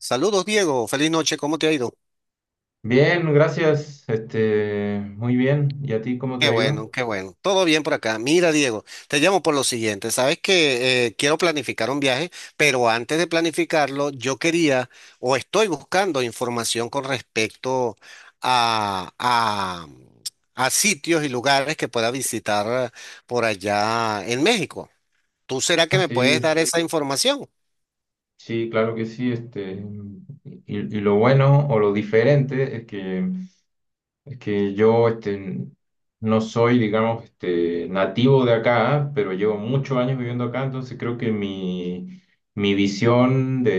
Saludos, Diego. Feliz noche. ¿Cómo te ha ido? Bien, gracias. Muy bien. ¿Y a ti cómo te Qué ha ido? bueno, qué bueno. Todo bien por acá. Mira, Diego, te llamo por lo siguiente. Sabes que quiero planificar un viaje, pero antes de planificarlo, yo quería o estoy buscando información con respecto a, a, a sitios y lugares que pueda visitar por allá en México. ¿Tú será que Ah, me puedes sí. dar esa información? Sí, claro que sí. Y lo bueno o lo diferente es que yo no soy, digamos, nativo de acá, pero llevo muchos años viviendo acá, entonces creo que mi visión de,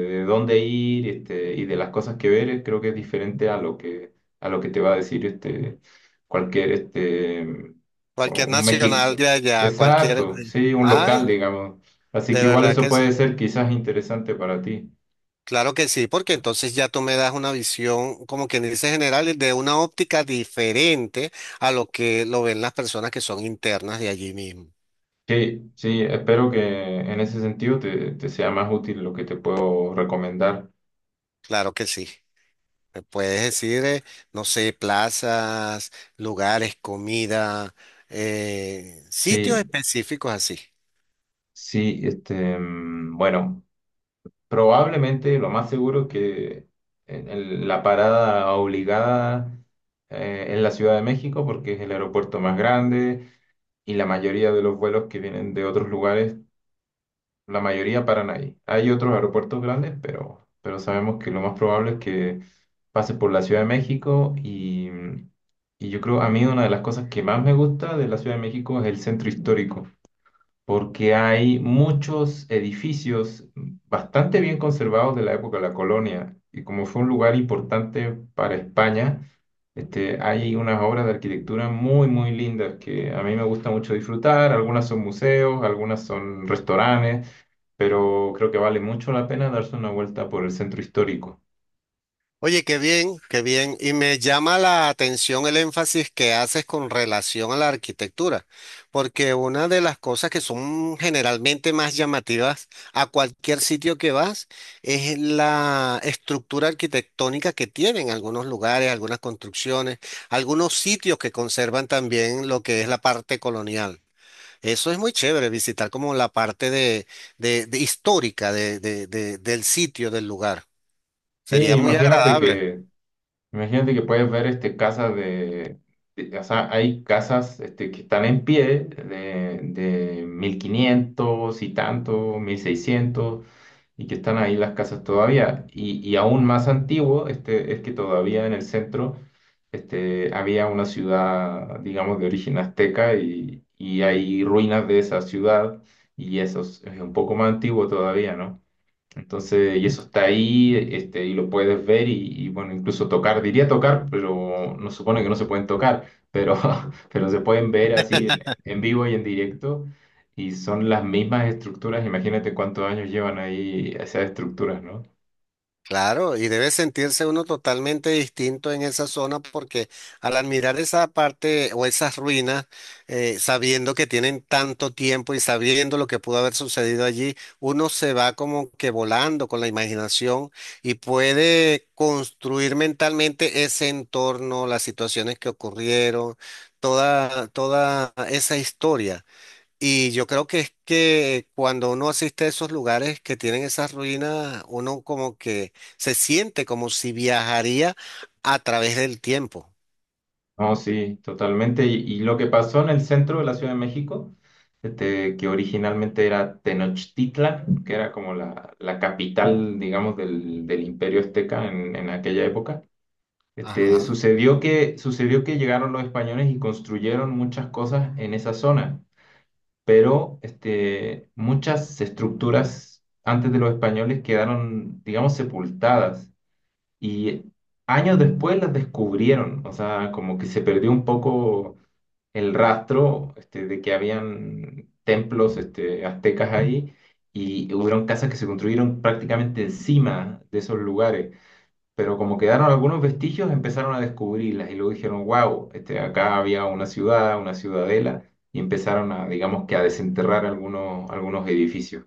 de dónde ir y de las cosas que ver creo que es diferente a lo que te va a decir cualquier Cualquier un nacional México. de allá, Exacto, sí, un local, Ay, digamos. Así de que igual verdad eso que sí. puede ser quizás interesante para ti. Claro que sí, porque entonces ya tú me das una visión, como quien dice general, de una óptica diferente a lo que lo ven las personas que son internas de allí mismo. Sí, sí, espero que en ese sentido te sea más útil lo que te puedo recomendar. Claro que sí. Me puedes decir, no sé, plazas, lugares, comida, sitios Sí, específicos así. sí, bueno, probablemente lo más seguro que la parada obligada es la Ciudad de México porque es el aeropuerto más grande y la mayoría de los vuelos que vienen de otros lugares la mayoría paran ahí. Hay otros aeropuertos grandes, pero sabemos que lo más probable es que pase por la Ciudad de México y yo creo, a mí una de las cosas que más me gusta de la Ciudad de México es el centro histórico, porque hay muchos edificios bastante bien conservados de la época de la colonia y como fue un lugar importante para España. Hay unas obras de arquitectura muy, muy lindas que a mí me gusta mucho disfrutar. Algunas son museos, algunas son restaurantes, pero creo que vale mucho la pena darse una vuelta por el centro histórico. Oye, qué bien, qué bien. Y me llama la atención el énfasis que haces con relación a la arquitectura, porque una de las cosas que son generalmente más llamativas a cualquier sitio que vas es la estructura arquitectónica que tienen algunos lugares, algunas construcciones, algunos sitios que conservan también lo que es la parte colonial. Eso es muy chévere, visitar como la parte de, de histórica del sitio, del lugar. Sí, Sería muy imagínate agradable. que, imagínate que puedes ver casas o sea, hay casas que están en pie de 1500 y tanto, 1600 y que están ahí las casas todavía. Y aún más antiguo es que todavía en el centro había una ciudad, digamos, de origen azteca y hay ruinas de esa ciudad y eso es un poco más antiguo todavía, ¿no? Entonces, y eso está ahí, y lo puedes ver y, bueno, incluso tocar, diría tocar, pero no supone que no se pueden tocar, pero, pero se pueden ver así en vivo y en directo, y son las mismas estructuras, imagínate cuántos años llevan ahí esas estructuras, ¿no? Claro, y debe sentirse uno totalmente distinto en esa zona porque al admirar esa parte o esas ruinas, sabiendo que tienen tanto tiempo y sabiendo lo que pudo haber sucedido allí, uno se va como que volando con la imaginación y puede construir mentalmente ese entorno, las situaciones que ocurrieron, toda, toda esa historia. Y yo creo que es que cuando uno asiste a esos lugares que tienen esas ruinas, uno como que se siente como si viajaría a través del tiempo. No, sí, totalmente. Y lo que pasó en el centro de la Ciudad de México, que originalmente era Tenochtitlan, que era como la capital, digamos, del Imperio Azteca en aquella época. Ajá. Sucedió que llegaron los españoles y construyeron muchas cosas en esa zona, pero muchas estructuras antes de los españoles quedaron, digamos, sepultadas y años después las descubrieron, o sea, como que se perdió un poco el rastro de que habían templos aztecas ahí y hubieron casas que se construyeron prácticamente encima de esos lugares pero como quedaron algunos vestigios, empezaron a descubrirlas y luego dijeron, wow, acá había una ciudad, una ciudadela, y empezaron a, digamos que a desenterrar algunos edificios.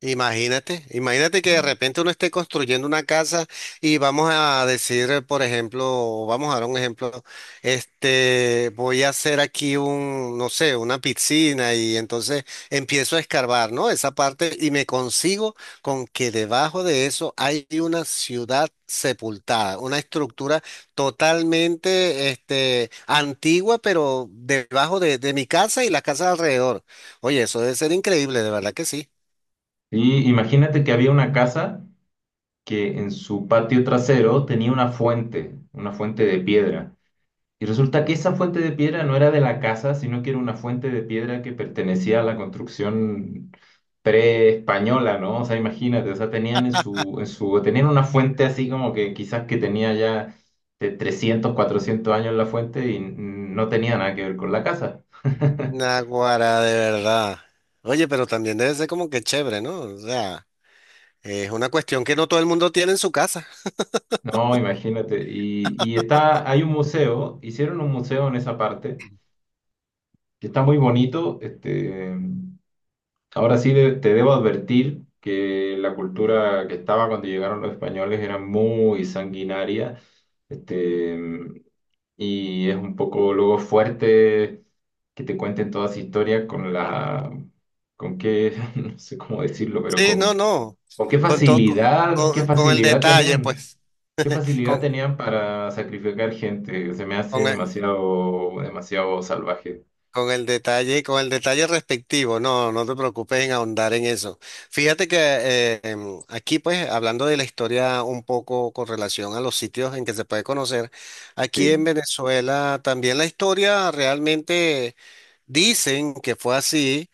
Imagínate, imagínate Sí. que de repente uno esté construyendo una casa y vamos a decir, por ejemplo, vamos a dar un ejemplo, este, voy a hacer aquí un, no sé, una piscina y entonces empiezo a escarbar, ¿no? Esa parte y me consigo con que debajo de eso hay una ciudad sepultada, una estructura totalmente, este, antigua, pero debajo de mi casa y las casas alrededor. Oye, eso debe ser increíble, de verdad que sí. Y imagínate que había una casa que en su patio trasero tenía una fuente de piedra. Y resulta que esa fuente de piedra no era de la casa, sino que era una fuente de piedra que pertenecía a la construcción pre-española, ¿no? O sea, imagínate, o sea, tenían en su, tenían una fuente así como que quizás que tenía ya de 300 400 años la fuente y no tenía nada que ver con la casa. Naguará, de verdad. Oye, pero también debe ser como que chévere, ¿no? O sea, es una cuestión que no todo el mundo tiene en su casa. No, imagínate. Y está, hay un museo, hicieron un museo en esa parte, que está muy bonito. Ahora sí te debo advertir que la cultura que estaba cuando llegaron los españoles era muy sanguinaria, este, y es un poco luego fuerte que te cuenten toda esa historia con qué, no sé cómo decirlo, pero Sí, no, con, no. con Con todo, con, con el detalle, pues. qué facilidad Con, tenían para sacrificar gente. Se me hace con el, demasiado, demasiado salvaje. Con el detalle respectivo. No, no te preocupes en ahondar en eso. Fíjate que aquí, pues, hablando de la historia un poco con relación a los sitios en que se puede conocer, aquí en Sí. Venezuela también la historia realmente dicen que fue así.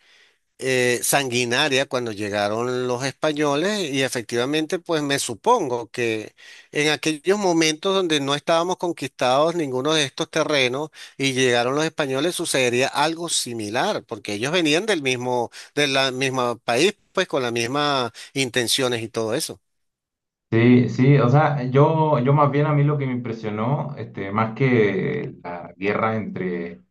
Sanguinaria cuando llegaron los españoles y efectivamente pues me supongo que en aquellos momentos donde no estábamos conquistados ninguno de estos terrenos y llegaron los españoles sucedería algo similar porque ellos venían del mismo del la misma país pues con las mismas intenciones y todo eso. Sí, sí, o sea, yo más bien a mí lo que me impresionó, más que la guerra entre,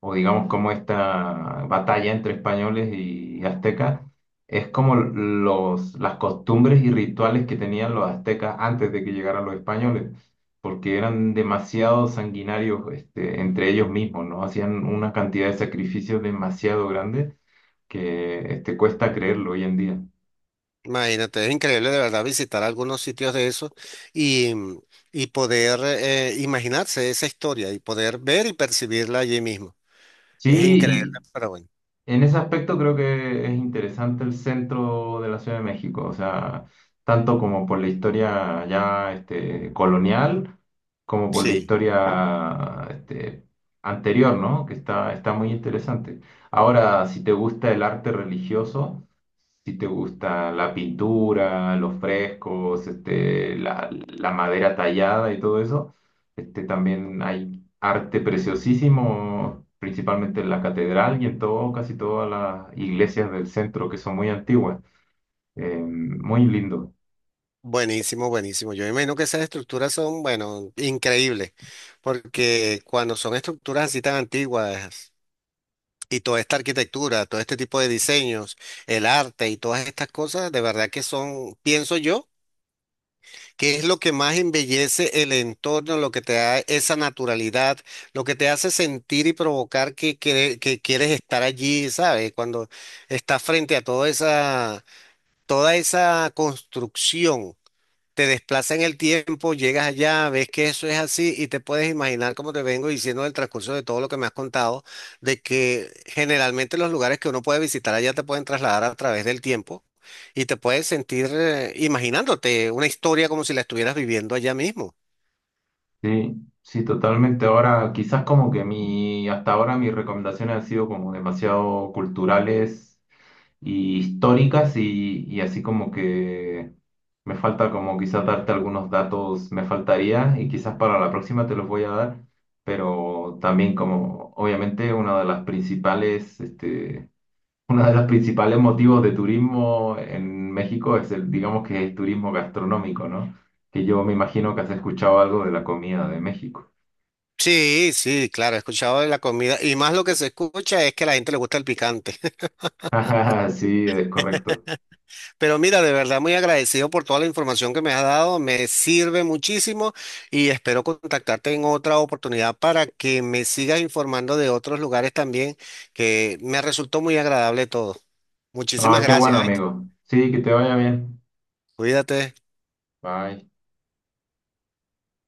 o digamos como esta batalla entre españoles y aztecas, es como las costumbres y rituales que tenían los aztecas antes de que llegaran los españoles, porque eran demasiado sanguinarios, entre ellos mismos, ¿no? Hacían una cantidad de sacrificios demasiado grande que, cuesta creerlo hoy en día. Imagínate, es increíble de verdad visitar algunos sitios de esos y, y poder imaginarse esa historia y poder ver y percibirla allí mismo. Es increíble, Sí. pero bueno. En ese aspecto creo que es interesante el centro de la Ciudad de México, o sea, tanto como por la historia ya colonial, como por la Sí, historia anterior, ¿no? Que está muy interesante. Ahora, si te gusta el arte religioso, si te gusta la pintura, los frescos, la madera tallada y todo eso, también hay arte preciosísimo, principalmente en la catedral y en todo, casi todas las iglesias del centro, que son muy antiguas. Muy lindo. buenísimo, buenísimo. Yo imagino que esas estructuras son, bueno, increíbles, porque cuando son estructuras así tan antiguas y toda esta arquitectura, todo este tipo de diseños, el arte y todas estas cosas, de verdad que son, pienso yo, que es lo que más embellece el entorno, lo que te da esa naturalidad, lo que te hace sentir y provocar que, que quieres estar allí, ¿sabes? Cuando estás frente a toda esa construcción. Te desplaza en el tiempo, llegas allá, ves que eso es así y te puedes imaginar, como te vengo diciendo en el transcurso de todo lo que me has contado, de que generalmente los lugares que uno puede visitar allá te pueden trasladar a través del tiempo y te puedes sentir imaginándote una historia como si la estuvieras viviendo allá mismo. Sí, sí, totalmente. Ahora, quizás como que hasta ahora mis recomendaciones han sido como demasiado culturales y históricas y así como que me falta como quizás darte algunos datos, me faltaría y quizás para la próxima te los voy a dar, pero también como obviamente una de las principales, este, uno de los principales motivos de turismo en México es el, digamos que es turismo gastronómico, ¿no? Que yo me imagino que has escuchado algo de la comida de México. Sí, sí, claro, he escuchado de la comida y más lo que se escucha es que a la gente le gusta el picante. Sí, es correcto. Pero mira, de verdad muy agradecido por toda la información que me has dado, me sirve muchísimo y espero contactarte en otra oportunidad para que me sigas informando de otros lugares también, que me resultó muy agradable todo. Muchísimas Ah, qué gracias, bueno, ¿oíste? amigo. Sí, que te vaya bien. Cuídate. Bye.